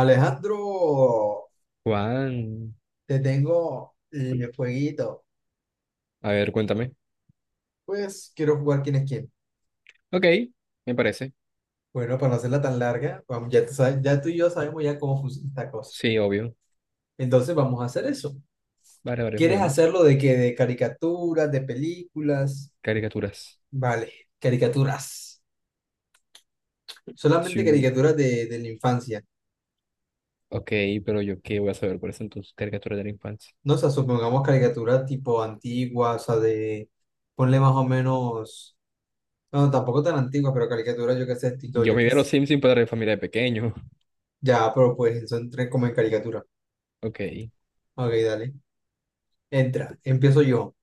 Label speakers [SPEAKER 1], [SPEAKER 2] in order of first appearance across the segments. [SPEAKER 1] Alejandro,
[SPEAKER 2] Juan,
[SPEAKER 1] te tengo el jueguito.
[SPEAKER 2] a ver, cuéntame.
[SPEAKER 1] Pues quiero jugar quién es quién.
[SPEAKER 2] Ok, me parece.
[SPEAKER 1] Bueno, para no hacerla tan larga, vamos, ya, ya tú y yo sabemos ya cómo funciona esta cosa.
[SPEAKER 2] Sí, obvio.
[SPEAKER 1] Entonces vamos a hacer eso.
[SPEAKER 2] Vale, vale,
[SPEAKER 1] ¿Quieres
[SPEAKER 2] juguemos.
[SPEAKER 1] hacerlo de qué? ¿De caricaturas, de películas?
[SPEAKER 2] Caricaturas.
[SPEAKER 1] Vale, caricaturas. Solamente
[SPEAKER 2] Chu.
[SPEAKER 1] caricaturas de la infancia.
[SPEAKER 2] Ok, pero yo qué voy a saber por eso entonces, caricaturas de la infancia.
[SPEAKER 1] No, o sea, supongamos caricaturas tipo antiguas, o sea, de... Ponle más o menos... No, tampoco tan antiguas, pero caricaturas, yo qué sé, estilo,
[SPEAKER 2] Yo
[SPEAKER 1] yo
[SPEAKER 2] me vi
[SPEAKER 1] qué
[SPEAKER 2] a los
[SPEAKER 1] sé.
[SPEAKER 2] Simpsons para mi familia de pequeño.
[SPEAKER 1] Ya, pero pues eso entré como en caricatura.
[SPEAKER 2] Ok,
[SPEAKER 1] Ok, dale. Entra, empiezo yo.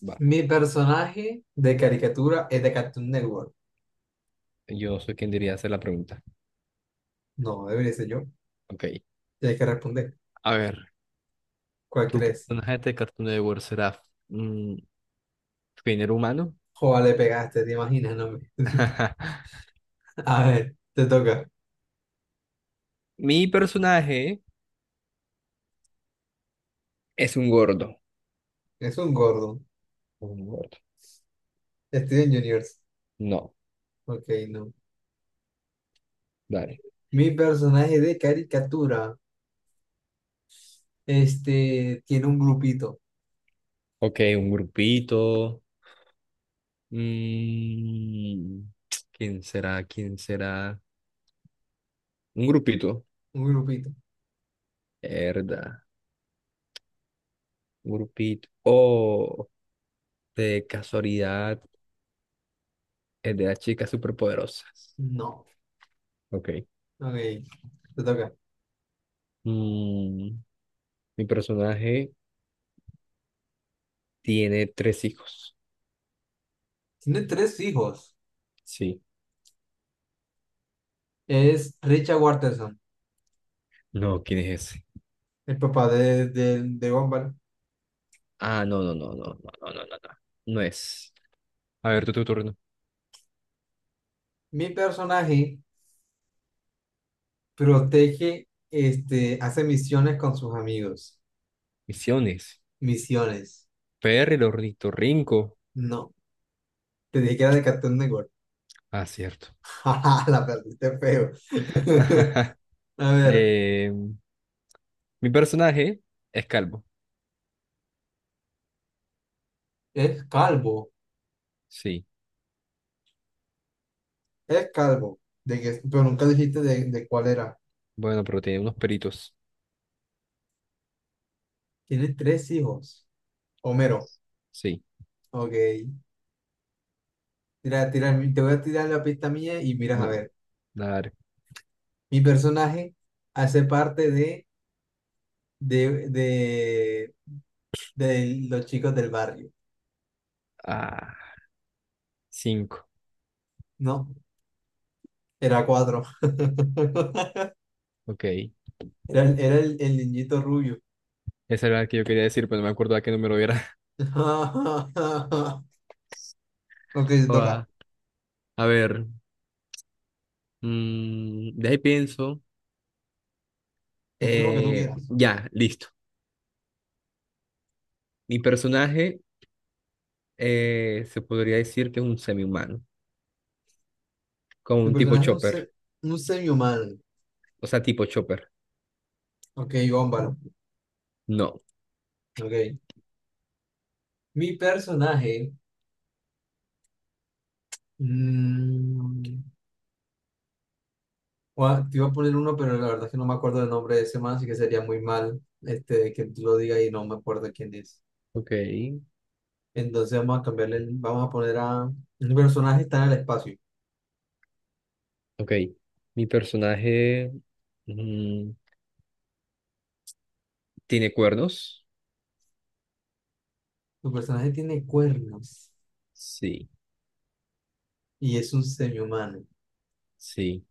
[SPEAKER 2] va.
[SPEAKER 1] Mi personaje de caricatura es de Cartoon Network.
[SPEAKER 2] Yo soy quien diría hacer la pregunta.
[SPEAKER 1] No, debería ser yo.
[SPEAKER 2] Ok,
[SPEAKER 1] Tienes que responder.
[SPEAKER 2] a ver.
[SPEAKER 1] ¿Cuál
[SPEAKER 2] ¿Tu
[SPEAKER 1] crees?
[SPEAKER 2] personaje de Cartoon Network será mm, género humano?
[SPEAKER 1] Joder, le pegaste, te imaginas, no me- A ver, te toca.
[SPEAKER 2] Mi personaje es un gordo.
[SPEAKER 1] Es un gordo.
[SPEAKER 2] Un gordo.
[SPEAKER 1] Steven Juniors.
[SPEAKER 2] No,
[SPEAKER 1] Ok, no.
[SPEAKER 2] dale.
[SPEAKER 1] Mi personaje de caricatura, este, tiene un grupito.
[SPEAKER 2] Ok, un grupito. Mm, ¿Quién será? ¿Quién será? Un grupito.
[SPEAKER 1] Un grupito.
[SPEAKER 2] Verdad. Un grupito. Oh, de casualidad, es de las chicas superpoderosas.
[SPEAKER 1] No.
[SPEAKER 2] Ok.
[SPEAKER 1] Ok, te toca.
[SPEAKER 2] Mm, Mi personaje tiene 3 hijos.
[SPEAKER 1] Tiene tres hijos.
[SPEAKER 2] Sí.
[SPEAKER 1] Es Richard Watterson.
[SPEAKER 2] No, ¿quién es ese?
[SPEAKER 1] El papá de Gumball.
[SPEAKER 2] Ah, no, no, no, no, no, no, no, no. No, no es. A ver, tu turno.
[SPEAKER 1] Mi personaje protege, este, hace misiones con sus amigos.
[SPEAKER 2] Misiones.
[SPEAKER 1] Misiones.
[SPEAKER 2] Perry, el ornitorrinco.
[SPEAKER 1] No, te dije que era de Cartoon Network.
[SPEAKER 2] Ah, cierto.
[SPEAKER 1] Jaja, la perdiste feo. A ver,
[SPEAKER 2] Eh, Mi personaje es calvo.
[SPEAKER 1] es calvo,
[SPEAKER 2] Sí.
[SPEAKER 1] es calvo. De que, pero nunca dijiste de cuál era.
[SPEAKER 2] Bueno, pero tiene unos peritos.
[SPEAKER 1] Tiene tres hijos. Homero,
[SPEAKER 2] Sí.
[SPEAKER 1] ok. Tira, tira, te voy a tirar la pista mía y miras a
[SPEAKER 2] No.
[SPEAKER 1] ver.
[SPEAKER 2] A ver.
[SPEAKER 1] Mi personaje hace parte de, de de los chicos del barrio.
[SPEAKER 2] Ah, 5.
[SPEAKER 1] No, era cuatro.
[SPEAKER 2] Ok.
[SPEAKER 1] Era, era el niñito rubio.
[SPEAKER 2] Esa era la que yo quería decir, pero no me acuerdo a qué número era.
[SPEAKER 1] Ok, te toca.
[SPEAKER 2] Joda. A ver, de ahí pienso.
[SPEAKER 1] Piensa lo que tú quieras.
[SPEAKER 2] Ya, listo. Mi personaje se podría decir que es un semi-humano, como
[SPEAKER 1] Tu
[SPEAKER 2] un tipo
[SPEAKER 1] personaje es
[SPEAKER 2] chopper.
[SPEAKER 1] un semi-humano.
[SPEAKER 2] O sea, tipo chopper.
[SPEAKER 1] Ok, bómbalo.
[SPEAKER 2] No.
[SPEAKER 1] Ok. Mi personaje. mm, Te iba a poner uno, pero la verdad es que no me acuerdo del nombre de ese man, así que sería muy mal este, que tú lo digas y no me acuerdo quién es.
[SPEAKER 2] Ok,
[SPEAKER 1] Entonces vamos a cambiarle. Vamos a poner a. Mi personaje está en el espacio.
[SPEAKER 2] ok. Mi personaje mm, tiene cuernos.
[SPEAKER 1] Tu personaje tiene cuernos
[SPEAKER 2] Sí,
[SPEAKER 1] y es un semihumano.
[SPEAKER 2] sí.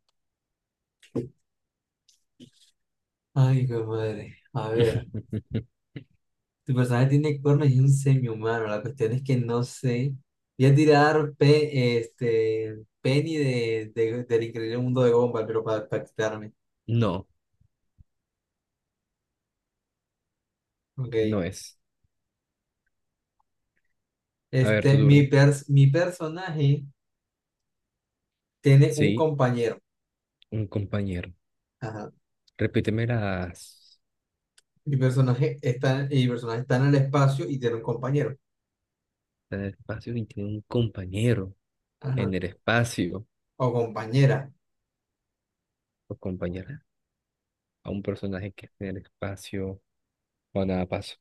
[SPEAKER 1] Ay, qué madre. A ver, tu personaje tiene cuernos y es un semihumano. La cuestión es que no sé. Voy a tirar este, Penny del increíble mundo de Gumball, pero para quitarme.
[SPEAKER 2] No,
[SPEAKER 1] Ok.
[SPEAKER 2] no es. A ver, tu
[SPEAKER 1] Este,
[SPEAKER 2] turno.
[SPEAKER 1] mi personaje tiene un
[SPEAKER 2] Sí,
[SPEAKER 1] compañero.
[SPEAKER 2] un compañero.
[SPEAKER 1] Ajá.
[SPEAKER 2] Repíteme las
[SPEAKER 1] Mi personaje está en el espacio y tiene un compañero.
[SPEAKER 2] en el espacio y tiene un compañero en
[SPEAKER 1] Ajá.
[SPEAKER 2] el espacio
[SPEAKER 1] O compañera.
[SPEAKER 2] o compañera a un personaje que esté en el espacio o nada paso.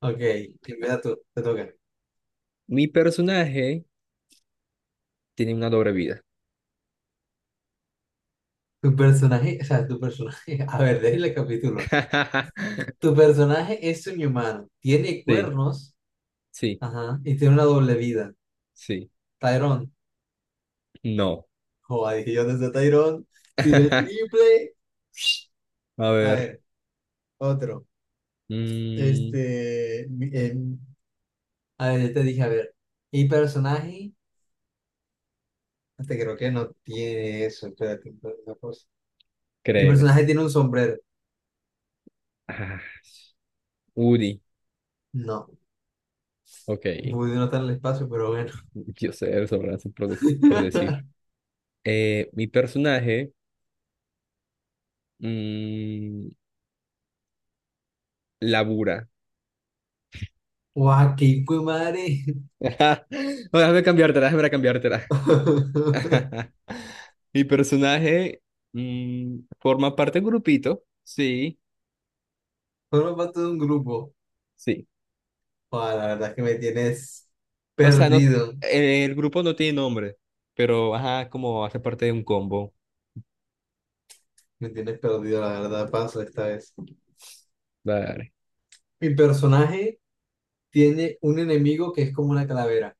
[SPEAKER 1] Ok. Empieza tú, te toca.
[SPEAKER 2] Mi personaje tiene una doble vida.
[SPEAKER 1] Tu personaje, a ver, déjale el capítulo. Tu personaje es un humano, tiene
[SPEAKER 2] Sí,
[SPEAKER 1] cuernos,
[SPEAKER 2] sí,
[SPEAKER 1] ajá, y tiene una doble vida.
[SPEAKER 2] sí.
[SPEAKER 1] Tyrone,
[SPEAKER 2] No.
[SPEAKER 1] joder, dije yo desde Tyrone, tiré el triple.
[SPEAKER 2] A
[SPEAKER 1] A
[SPEAKER 2] ver.
[SPEAKER 1] ver, otro.
[SPEAKER 2] mm,
[SPEAKER 1] Este, mi- em, a ver, yo te dije, a ver, mi personaje, hasta creo que no tiene eso, espérate, una cosa. Mi personaje
[SPEAKER 2] ¿Crees?
[SPEAKER 1] tiene un sombrero.
[SPEAKER 2] Ah, Uri.
[SPEAKER 1] No,
[SPEAKER 2] Ok.
[SPEAKER 1] pude notar el espacio, pero bueno.
[SPEAKER 2] Yo sé sobre por decir. Mi personaje mm, labura.
[SPEAKER 1] Guau, qué hijo de madre.
[SPEAKER 2] No, déjame cambiártela, déjame cambiártela. Mi personaje forma parte de un grupito. Sí,
[SPEAKER 1] Formo parte de un grupo.
[SPEAKER 2] sí.
[SPEAKER 1] Joder, la verdad es que me tienes
[SPEAKER 2] O sea, no,
[SPEAKER 1] perdido.
[SPEAKER 2] el grupo no tiene nombre, pero ajá, como hace parte de un combo.
[SPEAKER 1] Me tienes perdido, la verdad, paso esta vez.
[SPEAKER 2] Vale.
[SPEAKER 1] Mi personaje tiene un enemigo que es como una calavera.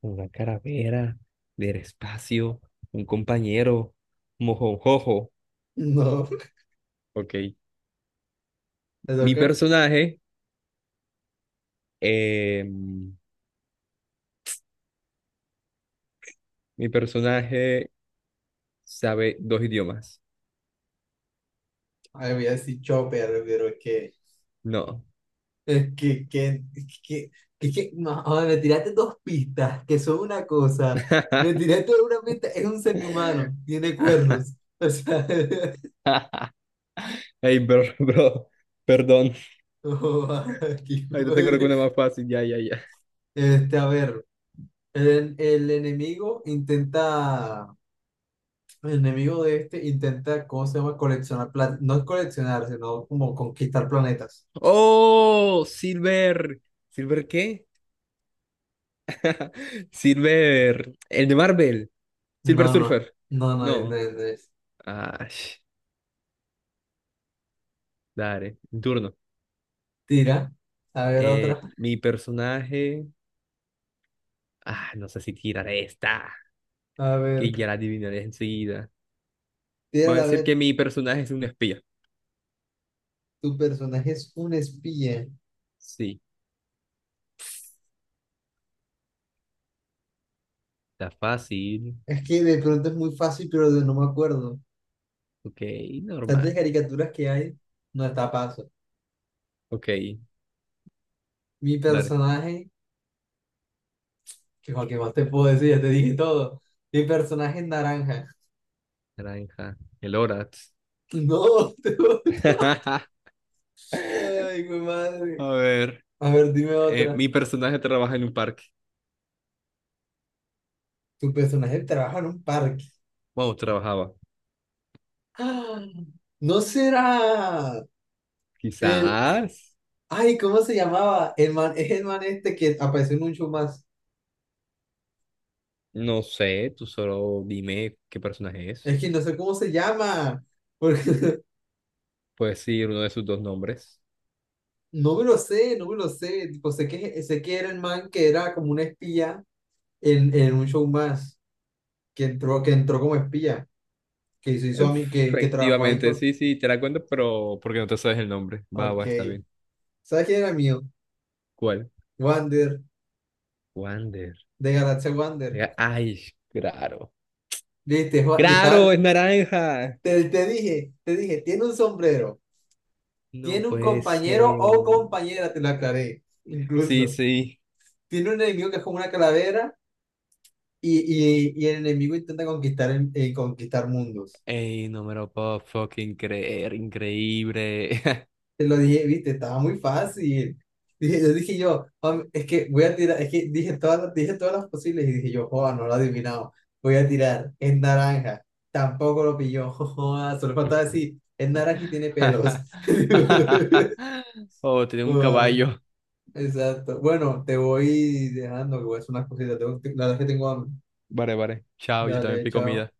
[SPEAKER 2] Una caravera del espacio, un compañero, mojojojo.
[SPEAKER 1] No,
[SPEAKER 2] Ok.
[SPEAKER 1] ¿te
[SPEAKER 2] Mi
[SPEAKER 1] toca?
[SPEAKER 2] personaje, eh, Mi personaje sabe 2 idiomas.
[SPEAKER 1] Ay, voy a decir Chopper, pero es que...
[SPEAKER 2] No.
[SPEAKER 1] Es que, no, joder, me tiraste dos pistas, que son una cosa. Me tiraste una pista, es un ser humano, tiene cuernos. O sea,
[SPEAKER 2] Hey, bro, bro, perdón.
[SPEAKER 1] no, aquí,
[SPEAKER 2] Ahorita te creo
[SPEAKER 1] madre.
[SPEAKER 2] una más fácil. Ya, ya, ya.
[SPEAKER 1] Este, a ver. El enemigo intenta, el enemigo de este intenta, ¿cómo se llama? Coleccionar, no es coleccionar, sino como conquistar planetas.
[SPEAKER 2] ¡Oh! Silver. ¿Silver qué? Silver. El de Marvel. Silver
[SPEAKER 1] No, no,
[SPEAKER 2] Surfer.
[SPEAKER 1] no es,
[SPEAKER 2] No.
[SPEAKER 1] no es.
[SPEAKER 2] Ah, dale. Mi turno.
[SPEAKER 1] Tira, a ver otra,
[SPEAKER 2] Mi personaje. Ah, no sé si tiraré esta.
[SPEAKER 1] a
[SPEAKER 2] Que
[SPEAKER 1] ver,
[SPEAKER 2] ya la adivinaré enseguida. Voy a
[SPEAKER 1] tírala a
[SPEAKER 2] decir que
[SPEAKER 1] ver.
[SPEAKER 2] mi personaje es un espía.
[SPEAKER 1] Tu personaje es un espía.
[SPEAKER 2] Sí. Está fácil.
[SPEAKER 1] Es que de pronto es muy fácil, no me acuerdo.
[SPEAKER 2] Ok, normal.
[SPEAKER 1] Tantas caricaturas que hay, no está a paso.
[SPEAKER 2] Ok,
[SPEAKER 1] Mi
[SPEAKER 2] dale.
[SPEAKER 1] personaje, que cualquier más te puedo decir, ya te dije todo. Mi personaje es naranja.
[SPEAKER 2] Naranja. El Horatz.
[SPEAKER 1] No, tú. Ay, mi madre.
[SPEAKER 2] A ver,
[SPEAKER 1] A ver, dime otra.
[SPEAKER 2] mi personaje trabaja en un parque.
[SPEAKER 1] Tu personaje trabaja en un parque.
[SPEAKER 2] Bueno, trabajaba.
[SPEAKER 1] Ah, ¿no será el...
[SPEAKER 2] Quizás,
[SPEAKER 1] Ay, ¿cómo se llamaba? Es el man este que apareció en un show más.
[SPEAKER 2] no sé, tú solo dime qué personaje es.
[SPEAKER 1] Es que no sé cómo se llama. Porque
[SPEAKER 2] Puedes decir uno de sus 2 nombres.
[SPEAKER 1] no me lo sé, no me lo sé. Tipo, sé que era el man que era como un espía en un show más. Que entró como espía. Que se hizo a mí, que trabajó ahí
[SPEAKER 2] Efectivamente,
[SPEAKER 1] con...
[SPEAKER 2] sí, sí, te la cuento, pero porque no te sabes el nombre. Va,
[SPEAKER 1] Ok.
[SPEAKER 2] va, está bien.
[SPEAKER 1] ¿Sabes quién era mío?
[SPEAKER 2] ¿Cuál?
[SPEAKER 1] Wander,
[SPEAKER 2] Wander.
[SPEAKER 1] de Galaxia Wander.
[SPEAKER 2] Mira, ay, claro.
[SPEAKER 1] Viste, Juan, y estás,
[SPEAKER 2] Claro, es naranja.
[SPEAKER 1] te dije, tiene un sombrero,
[SPEAKER 2] No
[SPEAKER 1] tiene un
[SPEAKER 2] puede
[SPEAKER 1] compañero
[SPEAKER 2] ser.
[SPEAKER 1] o compañera, te lo aclaré,
[SPEAKER 2] Sí,
[SPEAKER 1] incluso.
[SPEAKER 2] sí.
[SPEAKER 1] Tiene un enemigo que es como una calavera y el enemigo intenta conquistar, conquistar mundos.
[SPEAKER 2] Ey, no me lo puedo fucking creer, increíble.
[SPEAKER 1] Te lo dije, viste, estaba muy fácil. Dije, "Juan, es que voy a tirar, es que dije todas, dije todas las posibles y dije yo, joda, no lo he adivinado, voy a tirar, es naranja, tampoco lo pilló, joda, solo faltaba decir, es naranja y tiene pelos."
[SPEAKER 2] Oh, tenía un
[SPEAKER 1] Ah,
[SPEAKER 2] caballo.
[SPEAKER 1] exacto. Bueno, te voy dejando, que voy a hacer unas cositas. La verdad es que tengo hambre.
[SPEAKER 2] Vale, vale. Chao, yo también
[SPEAKER 1] Dale,
[SPEAKER 2] pico
[SPEAKER 1] chao.
[SPEAKER 2] comida.